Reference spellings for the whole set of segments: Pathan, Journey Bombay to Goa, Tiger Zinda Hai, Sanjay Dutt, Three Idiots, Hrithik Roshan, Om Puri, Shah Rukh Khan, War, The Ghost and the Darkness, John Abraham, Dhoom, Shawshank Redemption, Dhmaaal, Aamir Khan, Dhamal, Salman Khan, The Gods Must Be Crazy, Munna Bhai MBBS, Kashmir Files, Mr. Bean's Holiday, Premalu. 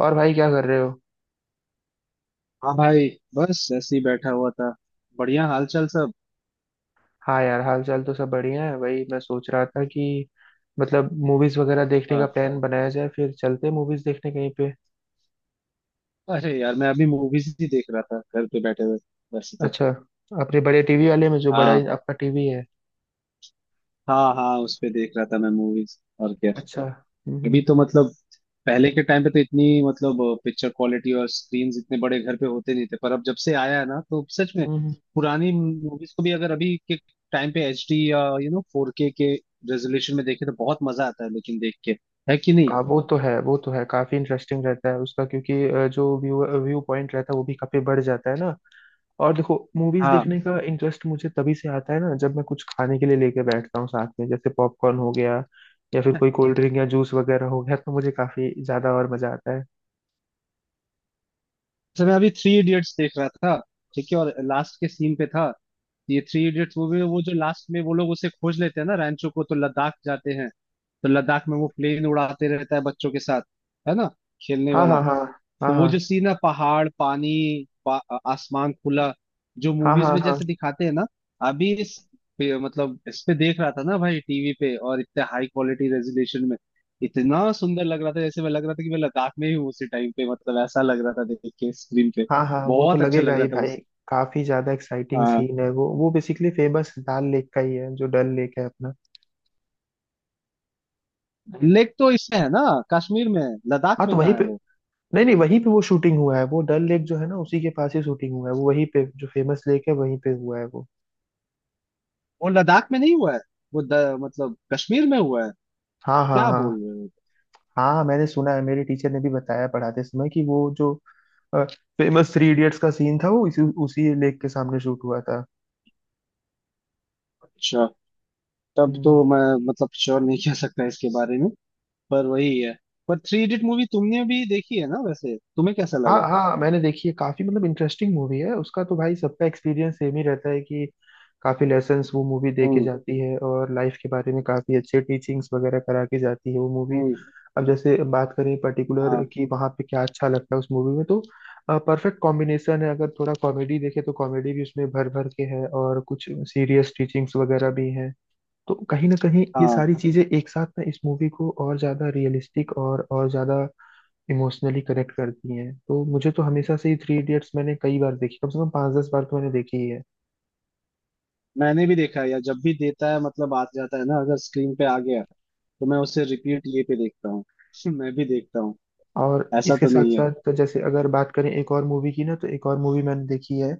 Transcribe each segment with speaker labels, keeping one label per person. Speaker 1: और भाई क्या कर रहे हो?
Speaker 2: हाँ भाई। बस ऐसे ही बैठा हुआ था। बढ़िया, हाल चाल सब।
Speaker 1: हाँ यार, हाल चाल तो सब बढ़िया है। वही मैं सोच रहा था कि मतलब मूवीज वगैरह देखने का
Speaker 2: हाँ।
Speaker 1: प्लान बनाया जाए, फिर चलते मूवीज देखने कहीं पे।
Speaker 2: अरे यार, मैं अभी मूवीज ही देख रहा था घर पे बैठे हुए वैसे तो।
Speaker 1: अच्छा, अपने बड़े टीवी वाले में, जो बड़ा
Speaker 2: हाँ,
Speaker 1: आपका टीवी है।
Speaker 2: हाँ, हाँ, उस पे देख रहा था मैं मूवीज और क्या।
Speaker 1: अच्छा। हम्म, हम्म,
Speaker 2: अभी तो मतलब, पहले के टाइम पे तो इतनी मतलब पिक्चर क्वालिटी और स्क्रीन इतने बड़े घर पे होते नहीं थे, पर अब जब से आया है ना तो सच में,
Speaker 1: हम्म।
Speaker 2: पुरानी मूवीज को भी अगर अभी के टाइम पे एच डी या फोर के रेजोल्यूशन में देखे तो बहुत मजा आता है लेकिन, देख के, है कि नहीं।
Speaker 1: हाँ, वो तो है, वो तो है। काफी इंटरेस्टिंग रहता है उसका, क्योंकि जो व्यू व्यू पॉइंट रहता है, वो भी काफी बढ़ जाता है ना। और देखो, मूवीज
Speaker 2: हाँ।
Speaker 1: देखने का इंटरेस्ट मुझे तभी से आता है ना, जब मैं कुछ खाने के लिए लेके बैठता हूँ साथ में। जैसे पॉपकॉर्न हो गया, या फिर कोई कोल्ड ड्रिंक या जूस वगैरह हो गया, तो मुझे काफी ज्यादा और मजा आता है।
Speaker 2: अच्छा, मैं अभी थ्री इडियट्स देख रहा था। ठीक है, और लास्ट के सीन पे था। ये थ्री इडियट्स मूवी में वो जो लास्ट में वो लोग उसे खोज लेते हैं ना, रैंचो को, तो लद्दाख जाते हैं। तो लद्दाख में वो प्लेन उड़ाते रहता है बच्चों के साथ, है ना, खेलने
Speaker 1: हाँ,
Speaker 2: वाला।
Speaker 1: हाँ, हाँ, हाँ,
Speaker 2: तो वो जो
Speaker 1: हाँ,
Speaker 2: सीन है, पहाड़, पानी, आसमान खुला, जो
Speaker 1: हाँ,
Speaker 2: मूवीज
Speaker 1: हाँ,
Speaker 2: में
Speaker 1: हाँ,
Speaker 2: जैसे दिखाते हैं ना। अभी इस पे, मतलब इस पे देख रहा था ना भाई टीवी पे, और इतने हाई क्वालिटी रेजोल्यूशन में इतना सुंदर लग रहा था, जैसे मैं, लग रहा था कि मैं लद्दाख में ही हूँ उसी टाइम पे, मतलब ऐसा लग रहा था देख के स्क्रीन पे।
Speaker 1: हाँ, हाँ, वो तो
Speaker 2: बहुत अच्छा
Speaker 1: लगेगा
Speaker 2: लग
Speaker 1: ही
Speaker 2: रहा था
Speaker 1: भाई।
Speaker 2: उस
Speaker 1: काफी ज्यादा एक्साइटिंग
Speaker 2: हाँ।
Speaker 1: सीन है वो बेसिकली फेमस डल लेक का ही है, जो डल लेक है अपना।
Speaker 2: लेक तो इसमें है ना, कश्मीर में है, लद्दाख
Speaker 1: हाँ तो
Speaker 2: में
Speaker 1: वहीं
Speaker 2: कहाँ है
Speaker 1: पे,
Speaker 2: वो।
Speaker 1: नहीं नहीं, वहीं पे वो शूटिंग हुआ है। वो डल लेक जो है ना, उसी के पास ही शूटिंग हुआ है वो। वहीं पे, जो फेमस लेक है, वहीं पे हुआ है वो।
Speaker 2: वो लद्दाख में नहीं हुआ है। वो मतलब कश्मीर में हुआ है।
Speaker 1: हाँ, हाँ,
Speaker 2: क्या बोल
Speaker 1: हाँ,
Speaker 2: रहे हो।
Speaker 1: हाँ, हाँ, मैंने सुना है, मेरे टीचर ने भी बताया पढ़ाते समय कि वो जो फेमस थ्री इडियट्स का सीन था, वो इसी उसी लेक के सामने शूट हुआ था।
Speaker 2: अच्छा, तब तो
Speaker 1: हम्म।
Speaker 2: मैं मतलब श्योर नहीं कह सकता इसके बारे में, पर वही है। पर थ्री इडियट मूवी तुमने भी देखी है ना, वैसे तुम्हें कैसा
Speaker 1: हाँ
Speaker 2: लगा?
Speaker 1: हाँ, मैंने देखी है। काफी मतलब इंटरेस्टिंग मूवी है उसका। तो भाई, सबका एक्सपीरियंस सेम ही रहता है कि काफी लेसन्स वो मूवी दे के
Speaker 2: हम्म।
Speaker 1: जाती है और लाइफ के बारे में काफी अच्छे टीचिंग्स वगैरह करा के जाती है वो मूवी।
Speaker 2: हम्म।
Speaker 1: अब जैसे बात करें पर्टिकुलर
Speaker 2: हाँ,
Speaker 1: कि वहां पे क्या अच्छा लगता है उस मूवी में, तो परफेक्ट कॉम्बिनेशन है। अगर थोड़ा कॉमेडी देखे, तो कॉमेडी भी उसमें भर भर के है, और कुछ सीरियस टीचिंग्स वगैरह भी हैं। तो कहीं ना कहीं ये
Speaker 2: हाँ।
Speaker 1: सारी चीजें एक साथ ना, इस मूवी को और ज्यादा रियलिस्टिक और ज्यादा इमोशनली कनेक्ट करती हैं। तो मुझे तो हमेशा से ही, थ्री इडियट्स मैंने कई बार देखी, कम से कम पाँच दस बार तो मैंने देखी ही है।
Speaker 2: मैंने भी देखा है यार, जब भी देता है मतलब, आ जाता है ना, अगर स्क्रीन पे आ गया तो मैं उसे रिपीट ये पे देखता हूँ। मैं भी देखता हूँ।
Speaker 1: और
Speaker 2: ऐसा
Speaker 1: इसके
Speaker 2: तो
Speaker 1: साथ
Speaker 2: नहीं है।
Speaker 1: साथ तो, जैसे अगर बात करें एक और मूवी की ना, तो एक और मूवी मैंने देखी है। अ,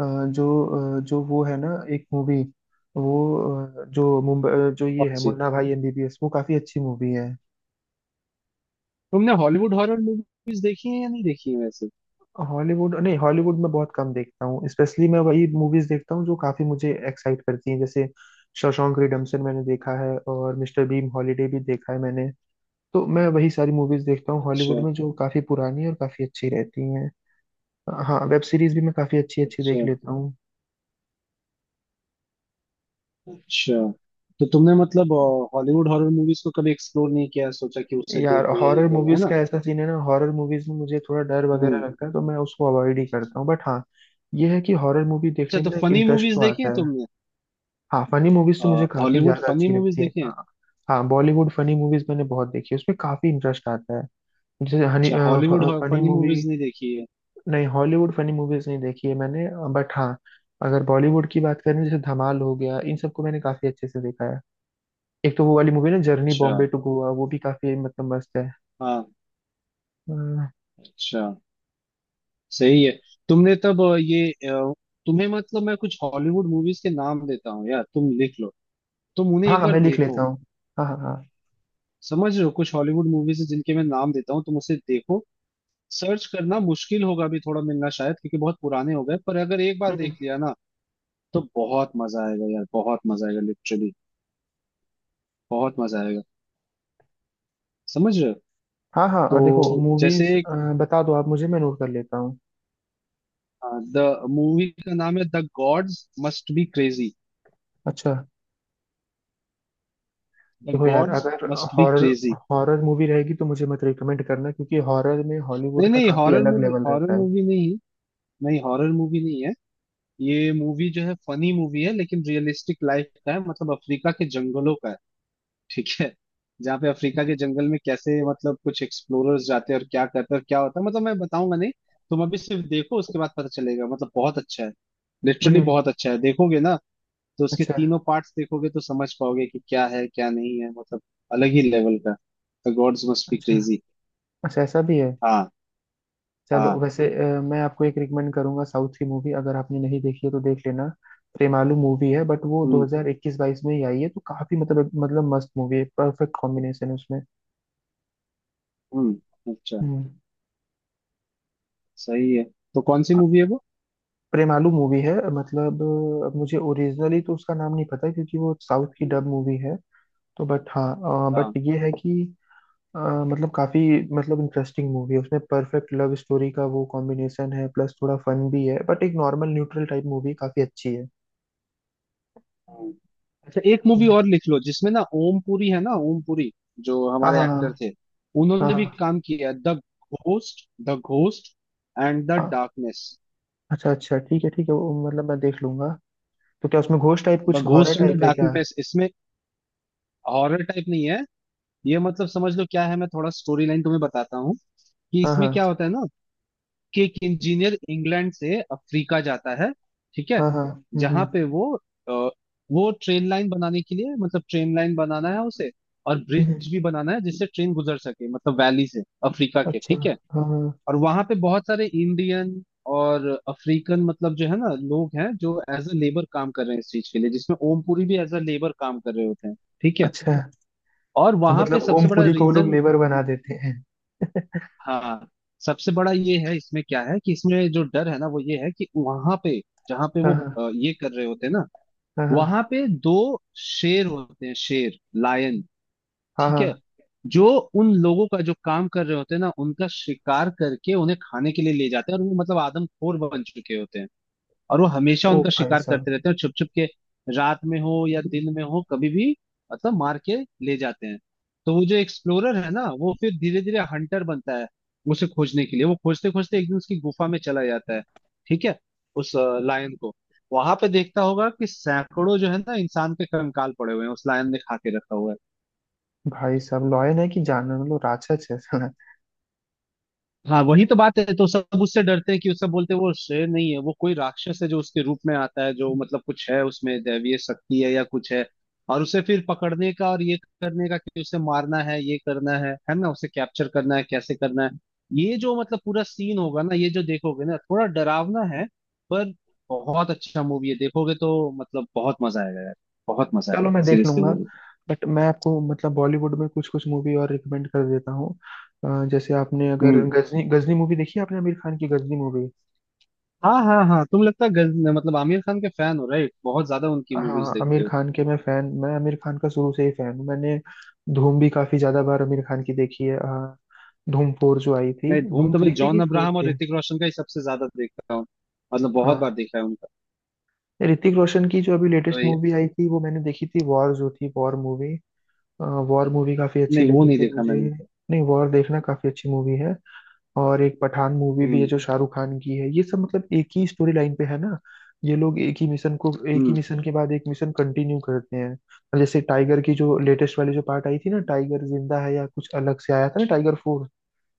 Speaker 1: जो जो वो है ना, एक मूवी वो जो मुंबई जो ये
Speaker 2: कौन
Speaker 1: है
Speaker 2: सी?
Speaker 1: मुन्ना भाई एमबीबीएस, वो काफी अच्छी मूवी है।
Speaker 2: तुमने हॉलीवुड हॉरर मूवीज देखी है या नहीं देखी है वैसे?
Speaker 1: हॉलीवुड, नहीं, हॉलीवुड में बहुत कम देखता हूँ। स्पेशली मैं वही मूवीज देखता हूँ जो काफी मुझे एक्साइट करती हैं, जैसे शॉशैंक रिडेम्पशन मैंने देखा है, और मिस्टर बीन हॉलीडे भी देखा है मैंने। तो मैं वही सारी मूवीज देखता हूँ
Speaker 2: अच्छा।
Speaker 1: हॉलीवुड में, जो काफी पुरानी और काफी अच्छी रहती हैं। हाँ, वेब सीरीज भी मैं काफी अच्छी अच्छी देख
Speaker 2: अच्छा।
Speaker 1: लेता हूँ।
Speaker 2: अच्छा, तो तुमने मतलब हॉलीवुड हॉरर मूवीज को कभी एक्सप्लोर नहीं किया, सोचा कि उसे
Speaker 1: यार,
Speaker 2: देखो या ये
Speaker 1: हॉरर
Speaker 2: करो, है
Speaker 1: मूवीज
Speaker 2: ना?
Speaker 1: का ऐसा सीन है ना, हॉरर मूवीज में मुझे थोड़ा डर
Speaker 2: हम्म।
Speaker 1: वगैरह लगता है, तो मैं उसको अवॉइड ही करता हूँ। बट हाँ, ये है कि हॉरर मूवी
Speaker 2: अच्छा,
Speaker 1: देखने में
Speaker 2: तो
Speaker 1: ना, एक
Speaker 2: फनी
Speaker 1: इंटरेस्ट
Speaker 2: मूवीज
Speaker 1: तो
Speaker 2: देखी है
Speaker 1: आता है।
Speaker 2: तुमने?
Speaker 1: हाँ, फनी मूवीज तो मुझे काफी
Speaker 2: हॉलीवुड
Speaker 1: ज्यादा
Speaker 2: फनी
Speaker 1: अच्छी
Speaker 2: मूवीज
Speaker 1: लगती है,
Speaker 2: देखी है?
Speaker 1: हाँ। हाँ, बॉलीवुड फनी मूवीज मैंने बहुत देखी है, उसमें काफी इंटरेस्ट आता है। जैसे हनी
Speaker 2: अच्छा। Hollywood
Speaker 1: funny
Speaker 2: funny movies
Speaker 1: movie,
Speaker 2: नहीं देखी है।
Speaker 1: नहीं, हॉलीवुड फनी मूवीज नहीं देखी है मैंने। बट हाँ, अगर बॉलीवुड की बात करें, जैसे धमाल हो गया, इन सबको मैंने काफी अच्छे से देखा है। एक तो वो वाली मूवी ना, जर्नी
Speaker 2: अच्छा।
Speaker 1: बॉम्बे टू गोवा, वो भी काफी मतलब मस्त है।
Speaker 2: हाँ।
Speaker 1: अ,
Speaker 2: अच्छा, सही है। तुमने तब ये तुम्हें मतलब, मैं कुछ हॉलीवुड मूवीज के नाम देता हूँ यार, तुम लिख लो। तुम उन्हें
Speaker 1: हाँ
Speaker 2: एक
Speaker 1: हाँ,
Speaker 2: बार
Speaker 1: मैं लिख लेता
Speaker 2: देखो।
Speaker 1: हूँ। हाँ, हाँ, हाँ।
Speaker 2: समझ रहे हो? कुछ हॉलीवुड मूवीज है जिनके मैं नाम देता हूँ, तुम उसे देखो। सर्च करना मुश्किल होगा अभी थोड़ा, मिलना शायद, क्योंकि बहुत पुराने हो गए, पर अगर एक बार
Speaker 1: हम्म,
Speaker 2: देख
Speaker 1: हम्म।
Speaker 2: लिया ना, तो बहुत मजा आएगा यार, बहुत मजा आएगा लिटरली, बहुत मजा आएगा, समझ रहे हो।
Speaker 1: हाँ हाँ, और देखो
Speaker 2: तो जैसे
Speaker 1: मूवीज, बता दो आप मुझे, मैं नोट कर लेता हूँ।
Speaker 2: द मूवी का नाम है the gods must be crazy.
Speaker 1: अच्छा,
Speaker 2: द
Speaker 1: देखो यार,
Speaker 2: गॉड्स
Speaker 1: अगर
Speaker 2: must be
Speaker 1: horror
Speaker 2: crazy.
Speaker 1: Horror movie रहेगी तो मुझे मत रिकमेंड करना, क्योंकि हॉरर में
Speaker 2: नहीं,
Speaker 1: हॉलीवुड का
Speaker 2: नहीं,
Speaker 1: काफी
Speaker 2: हॉरर
Speaker 1: अलग
Speaker 2: मूवी,
Speaker 1: लेवल
Speaker 2: हॉरर
Speaker 1: रहता है।
Speaker 2: मूवी नहीं। नहीं, हॉरर मूवी नहीं है। ये मूवी जो है फनी मूवी है, लेकिन रियलिस्टिक लाइफ का है, मतलब अफ्रीका के जंगलों का है। ठीक है। जहाँ पे अफ्रीका
Speaker 1: हम्म,
Speaker 2: के जंगल में कैसे मतलब कुछ एक्सप्लोरर्स जाते हैं और क्या करते हैं और क्या होता है, मतलब मैं बताऊंगा नहीं। तुम अभी सिर्फ देखो, उसके बाद पता चलेगा, मतलब बहुत अच्छा है, लिटरली
Speaker 1: हम्म,
Speaker 2: बहुत अच्छा है, देखोगे ना। तो उसके
Speaker 1: अच्छा।
Speaker 2: तीनों पार्ट्स देखोगे तो समझ पाओगे कि क्या है, क्या नहीं है, मतलब अलग ही लेवल का। द गॉड्स मस्ट बी
Speaker 1: अच्छा,
Speaker 2: क्रेजी।
Speaker 1: अच्छा, ऐसा भी है।
Speaker 2: हाँ,
Speaker 1: चलो
Speaker 2: हाँ।
Speaker 1: वैसे, मैं आपको एक रिकमेंड करूंगा साउथ की मूवी, अगर आपने नहीं देखी है तो देख लेना। प्रेमालू मूवी है, बट वो
Speaker 2: हम्म।
Speaker 1: 2021-22 में ही आई है, तो काफी मतलब मस्त मूवी है। परफेक्ट कॉम्बिनेशन है उसमें।
Speaker 2: हम्म। अच्छा,
Speaker 1: हम्म।
Speaker 2: सही है। तो कौन सी मूवी है वो?
Speaker 1: प्रेमालू मूवी है मतलब। मुझे ओरिजिनली तो उसका नाम नहीं पता है, क्योंकि वो साउथ की
Speaker 2: हम्म।
Speaker 1: डब मूवी है। तो बट हाँ, बट
Speaker 2: हाँ,
Speaker 1: ये है कि अ, मतलब काफी मतलब इंटरेस्टिंग मूवी है, उसमें परफेक्ट लव स्टोरी का वो कॉम्बिनेशन है, प्लस थोड़ा फन भी है। बट एक नॉर्मल न्यूट्रल टाइप मूवी, काफी अच्छी है।
Speaker 2: हाँ। अच्छा, एक मूवी और लिख लो, जिसमें ना ओम पुरी है, ना ओम पुरी, जो
Speaker 1: हाँ,
Speaker 2: हमारे एक्टर
Speaker 1: हाँ,
Speaker 2: थे,
Speaker 1: हाँ,
Speaker 2: उन्होंने भी
Speaker 1: हाँ।
Speaker 2: काम किया है। The ghost and the
Speaker 1: uh,
Speaker 2: darkness.
Speaker 1: अच्छा, अच्छा, ठीक है, ठीक है, वो मतलब मैं देख लूंगा। तो क्या उसमें घोष टाइप
Speaker 2: द
Speaker 1: कुछ horror
Speaker 2: ghost and the
Speaker 1: type है क्या?
Speaker 2: डार्कनेस, इसमें हॉरर टाइप नहीं है। ये, मतलब समझ लो क्या है, मैं थोड़ा स्टोरी लाइन तुम्हें बताता हूँ कि
Speaker 1: हाँ,
Speaker 2: इसमें
Speaker 1: हाँ,
Speaker 2: क्या होता है ना, कि एक इंजीनियर इंग्लैंड से अफ्रीका जाता है। ठीक है।
Speaker 1: हाँ, हाँ। हम्म,
Speaker 2: जहां
Speaker 1: हम्म,
Speaker 2: पे वो अ, वो ट्रेन लाइन बनाने के लिए, मतलब ट्रेन लाइन बनाना है उसे, और ब्रिज
Speaker 1: हम्म।
Speaker 2: भी बनाना है जिससे ट्रेन गुजर सके, मतलब वैली से, अफ्रीका के,
Speaker 1: अच्छा।
Speaker 2: ठीक है।
Speaker 1: हाँ हाँ,
Speaker 2: और वहां पे बहुत सारे इंडियन और अफ्रीकन, मतलब जो है ना लोग हैं, जो एज अ लेबर काम कर रहे हैं इस चीज के लिए, जिसमें ओमपुरी भी एज अ लेबर काम कर रहे होते हैं। ठीक है।
Speaker 1: अच्छा।
Speaker 2: और
Speaker 1: तो
Speaker 2: वहां पे
Speaker 1: मतलब
Speaker 2: सबसे बड़ा
Speaker 1: ओमपुरी को वो लोग
Speaker 2: रीजन।
Speaker 1: लेबर बना देते हैं।
Speaker 2: हाँ। सबसे बड़ा ये है, इसमें क्या है कि, इसमें जो डर है ना, वो ये है कि वहां पे, जहाँ पे
Speaker 1: हाँ,
Speaker 2: वो
Speaker 1: हाँ,
Speaker 2: ये कर रहे होते हैं ना,
Speaker 1: हाँ, हाँ,
Speaker 2: वहां पे दो शेर होते हैं, शेर, लायन।
Speaker 1: हाँ,
Speaker 2: ठीक
Speaker 1: हाँ।
Speaker 2: है। जो उन लोगों का, जो काम कर रहे होते हैं ना, उनका शिकार करके उन्हें खाने के लिए ले जाते हैं, और वो मतलब आदमखोर बन चुके होते हैं, और वो हमेशा
Speaker 1: ओ
Speaker 2: उनका
Speaker 1: भाई
Speaker 2: शिकार
Speaker 1: साहब,
Speaker 2: करते रहते हैं, और छुप छुप के, रात में हो या दिन में हो, कभी भी, मतलब मार के ले जाते हैं। तो वो जो एक्सप्लोरर है ना, वो फिर धीरे धीरे हंटर बनता है। उसे खोजने के लिए वो खोजते खोजते एक दिन उसकी गुफा में चला जाता है, ठीक है, उस लायन को, वहां पे देखता होगा कि सैकड़ों जो है ना इंसान के कंकाल पड़े हुए हैं, उस लायन ने खा के रखा हुआ है।
Speaker 1: भाई साहब, लॉयन है कि जानवर? मतलब राक्षस है साला।
Speaker 2: हाँ, वही तो बात है। तो सब उससे डरते हैं, कि वो सब बोलते हैं वो शेर नहीं है, वो कोई राक्षस है जो उसके रूप में आता है, जो मतलब कुछ है उसमें, दैवीय शक्ति है या कुछ है, और उसे फिर पकड़ने का और ये करने का, कि उसे मारना है, ये करना है ना, उसे कैप्चर करना है, कैसे करना है, ये जो मतलब पूरा सीन होगा ना, ये जो देखोगे ना, थोड़ा डरावना है, पर बहुत अच्छा मूवी है, देखोगे तो मतलब बहुत मजा आएगा यार, बहुत मजा
Speaker 1: चलो,
Speaker 2: आएगा
Speaker 1: मैं देख
Speaker 2: सीरियसली
Speaker 1: लूंगा।
Speaker 2: वो।
Speaker 1: बट मैं आपको मतलब बॉलीवुड में कुछ कुछ मूवी और रिकमेंड कर देता हूँ। जैसे आपने अगर
Speaker 2: हम्म।
Speaker 1: गजनी गजनी मूवी देखी है, आपने आमिर खान की गजनी मूवी?
Speaker 2: हाँ, हाँ, हाँ, तुम, लगता है मतलब आमिर खान के फैन हो राइट, बहुत ज्यादा उनकी मूवीज
Speaker 1: हाँ, आमिर
Speaker 2: देखते हो।
Speaker 1: खान के मैं फैन। मैं आमिर खान का शुरू से ही फैन हूँ। मैंने धूम भी काफी ज्यादा बार आमिर खान की देखी है। धूम फोर जो आई थी,
Speaker 2: मैं धूम
Speaker 1: धूम
Speaker 2: तो
Speaker 1: थ्री
Speaker 2: मैं
Speaker 1: थी कि
Speaker 2: जॉन
Speaker 1: फोर
Speaker 2: अब्राहम और
Speaker 1: थी?
Speaker 2: ऋतिक रोशन का ही सबसे ज्यादा देखता हूँ, मतलब बहुत बार
Speaker 1: हाँ,
Speaker 2: देखा है उनका।
Speaker 1: ऋतिक रोशन की जो अभी
Speaker 2: तो
Speaker 1: लेटेस्ट
Speaker 2: ये,
Speaker 1: मूवी आई थी, वो मैंने देखी थी। वॉर जो थी, वॉर मूवी काफी अच्छी
Speaker 2: नहीं वो
Speaker 1: लगी
Speaker 2: नहीं
Speaker 1: थी
Speaker 2: देखा
Speaker 1: मुझे।
Speaker 2: मैंने।
Speaker 1: नहीं, वॉर देखना, काफी अच्छी मूवी है। और एक पठान मूवी भी है
Speaker 2: हम्म।
Speaker 1: जो शाहरुख खान की है, ये सब मतलब एक ही स्टोरी लाइन पे है ना। ये लोग एक ही मिशन को, एक ही
Speaker 2: हम्म।
Speaker 1: मिशन के बाद एक मिशन कंटिन्यू करते हैं। और जैसे टाइगर की जो लेटेस्ट वाली जो पार्ट आई थी ना, टाइगर जिंदा है, या कुछ अलग से आया था ना टाइगर फोर।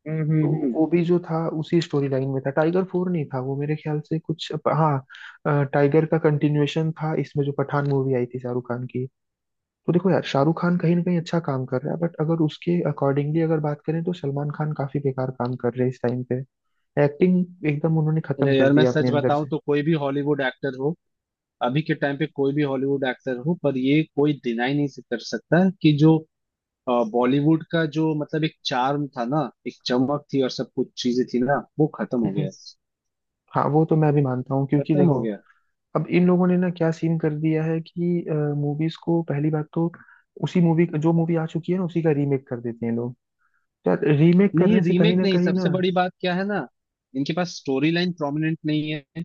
Speaker 2: हम्म।
Speaker 1: तो
Speaker 2: हम्म। हम्म।
Speaker 1: वो भी जो था, उसी स्टोरी लाइन में था। टाइगर फोर नहीं था वो, मेरे ख्याल से कुछ, हाँ, टाइगर का कंटिन्यूएशन था इसमें, जो पठान मूवी आई थी शाहरुख खान की। तो देखो यार, शाहरुख खान कहीं ना कहीं अच्छा काम कर रहा है, बट अगर उसके अकॉर्डिंगली अगर बात करें, तो सलमान खान काफी बेकार काम कर रहे हैं इस टाइम पे। एक्टिंग एकदम उन्होंने
Speaker 2: अरे
Speaker 1: खत्म कर
Speaker 2: यार मैं
Speaker 1: दिया अपने
Speaker 2: सच
Speaker 1: अंदर
Speaker 2: बताऊं
Speaker 1: से।
Speaker 2: तो, कोई भी हॉलीवुड एक्टर हो, अभी के टाइम पे कोई भी हॉलीवुड एक्टर हो, पर ये कोई डिनाई नहीं कर सकता कि जो बॉलीवुड का जो मतलब एक चार्म था ना, एक चमक थी, और सब कुछ चीजें थी ना, वो खत्म हो गया
Speaker 1: हम्म।
Speaker 2: है।
Speaker 1: हाँ, वो तो मैं भी मानता हूँ, क्योंकि
Speaker 2: खत्म हो
Speaker 1: देखो,
Speaker 2: गया।
Speaker 1: अब इन लोगों ने ना क्या सीन कर दिया है कि मूवीज को पहली बात तो, उसी मूवी, जो मूवी आ चुकी है ना, उसी का रीमेक कर देते हैं लोग। तो रीमेक
Speaker 2: नहीं,
Speaker 1: करने से कहीं
Speaker 2: रीमेक
Speaker 1: ना
Speaker 2: नहीं,
Speaker 1: कहीं ना,
Speaker 2: सबसे बड़ी बात क्या है ना, इनके पास स्टोरी लाइन प्रोमिनेंट नहीं है।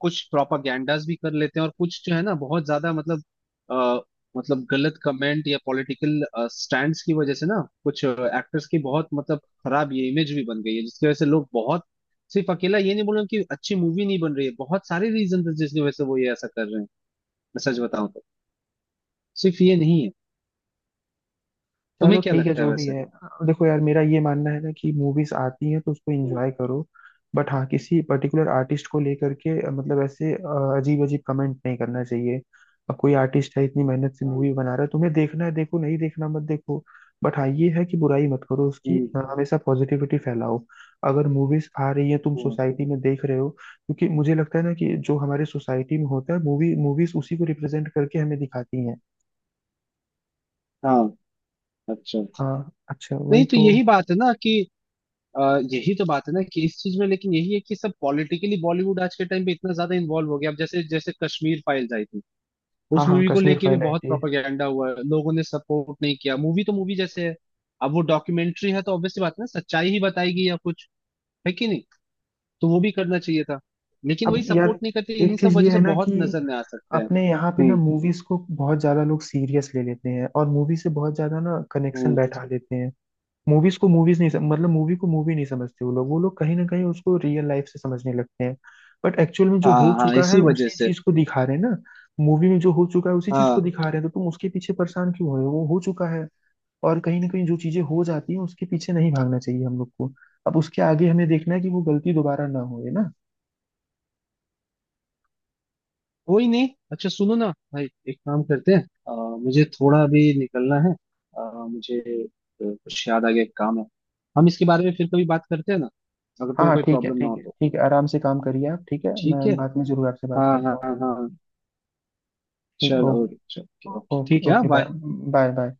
Speaker 2: कुछ प्रोपागैंडास भी कर लेते हैं, और कुछ जो है ना बहुत ज्यादा मतलब, आ, मतलब गलत कमेंट या पॉलिटिकल स्टैंड्स की वजह से ना, कुछ एक्टर्स की बहुत मतलब खराब ये इमेज भी बन गई है, जिसकी वजह से लोग बहुत, सिर्फ अकेला ये नहीं बोल रहे कि अच्छी मूवी नहीं बन रही है, बहुत सारे रीजन है जिसकी वजह से वो ये ऐसा कर रहे हैं। मैं सच बताऊं तो, सिर्फ ये नहीं है।
Speaker 1: चलो
Speaker 2: तुम्हें क्या
Speaker 1: ठीक है,
Speaker 2: लगता है
Speaker 1: जो भी
Speaker 2: वैसे?
Speaker 1: है। देखो यार, मेरा ये मानना है ना कि मूवीज आती हैं, तो उसको
Speaker 2: हम्म।
Speaker 1: एंजॉय करो। बट हाँ, किसी पर्टिकुलर आर्टिस्ट को लेकर के मतलब ऐसे अजीब अजीब कमेंट नहीं करना चाहिए। अब कोई आर्टिस्ट है, इतनी मेहनत से मूवी बना रहा है, तुम्हें देखना है देखो, नहीं देखना मत देखो। बट हाँ, ये है कि बुराई मत करो उसकी।
Speaker 2: हम्म।
Speaker 1: हमेशा पॉजिटिविटी फैलाओ। अगर मूवीज आ रही है, तुम
Speaker 2: हम्म।
Speaker 1: सोसाइटी में देख रहे हो, क्योंकि मुझे लगता है ना कि जो हमारे सोसाइटी में होता है, मूवीज उसी को रिप्रेजेंट करके हमें दिखाती हैं।
Speaker 2: हाँ। अच्छा।
Speaker 1: हाँ अच्छा, वही
Speaker 2: नहीं तो,
Speaker 1: तो।
Speaker 2: यही बात है ना कि, यही तो बात है ना कि इस चीज में, लेकिन यही है कि सब पॉलिटिकली बॉलीवुड आज के टाइम पे इतना ज्यादा इन्वॉल्व हो गया, अब जैसे जैसे कश्मीर फाइल्स आई थी,
Speaker 1: हाँ
Speaker 2: उस
Speaker 1: हाँ,
Speaker 2: मूवी को
Speaker 1: कश्मीर
Speaker 2: लेके भी
Speaker 1: फाइल आई
Speaker 2: बहुत
Speaker 1: थी।
Speaker 2: प्रोपेगेंडा हुआ है, लोगों ने सपोर्ट नहीं किया, मूवी तो मूवी जैसे है, अब वो डॉक्यूमेंट्री है तो ऑब्वियसली बात है ना, सच्चाई ही बताएगी या कुछ, है कि नहीं, तो वो भी करना चाहिए था, लेकिन वही
Speaker 1: अब
Speaker 2: सपोर्ट
Speaker 1: यार,
Speaker 2: नहीं करते, इन्हीं
Speaker 1: एक
Speaker 2: सब
Speaker 1: चीज ये
Speaker 2: वजह
Speaker 1: है
Speaker 2: से
Speaker 1: ना
Speaker 2: बहुत
Speaker 1: कि
Speaker 2: नजर में आ सकते हैं।
Speaker 1: अपने यहाँ पे ना,
Speaker 2: हम्म।
Speaker 1: मूवीज को बहुत ज्यादा लोग सीरियस ले लेते हैं और मूवी से बहुत ज्यादा ना कनेक्शन
Speaker 2: हम्म।
Speaker 1: बैठा लेते हैं। मूवीज को मूवीज नहीं मतलब, मूवी को मूवी नहीं समझते वो लोग कहीं ना कहीं उसको रियल लाइफ से समझने लगते हैं। बट एक्चुअल में जो
Speaker 2: हाँ,
Speaker 1: हो
Speaker 2: हाँ,
Speaker 1: चुका है
Speaker 2: इसी वजह
Speaker 1: उसी
Speaker 2: से।
Speaker 1: चीज को दिखा रहे हैं ना। मूवी में जो हो चुका है उसी चीज को
Speaker 2: हाँ।
Speaker 1: दिखा रहे हैं, तो तुम उसके पीछे परेशान क्यों हो रहे हो? वो हो चुका है। और कहीं ना कहीं जो चीजें हो जाती हैं, उसके पीछे नहीं भागना चाहिए हम लोग को। अब उसके आगे हमें देखना है कि वो गलती दोबारा ना हो, है ना।
Speaker 2: कोई नहीं, अच्छा सुनो ना भाई, एक काम करते हैं, अ, मुझे थोड़ा अभी निकलना है, मुझे कुछ याद आ गया, एक काम है, हम इसके बारे में फिर कभी बात करते हैं ना, अगर
Speaker 1: हाँ
Speaker 2: तुम्हें
Speaker 1: हाँ,
Speaker 2: कोई
Speaker 1: ठीक है,
Speaker 2: प्रॉब्लम ना हो
Speaker 1: ठीक है,
Speaker 2: तो।
Speaker 1: ठीक है, आराम से काम करिए आप, ठीक है,
Speaker 2: ठीक है।
Speaker 1: मैं बाद में जरूर आपसे बात
Speaker 2: हाँ,
Speaker 1: करता
Speaker 2: हाँ,
Speaker 1: हूँ।
Speaker 2: हाँ, हाँ।
Speaker 1: ठीक,
Speaker 2: चलो।
Speaker 1: ओके।
Speaker 2: चलो, ओके, ओके,
Speaker 1: ओके,
Speaker 2: ठीक है,
Speaker 1: okay, bye.
Speaker 2: Bye.
Speaker 1: Bye, bye.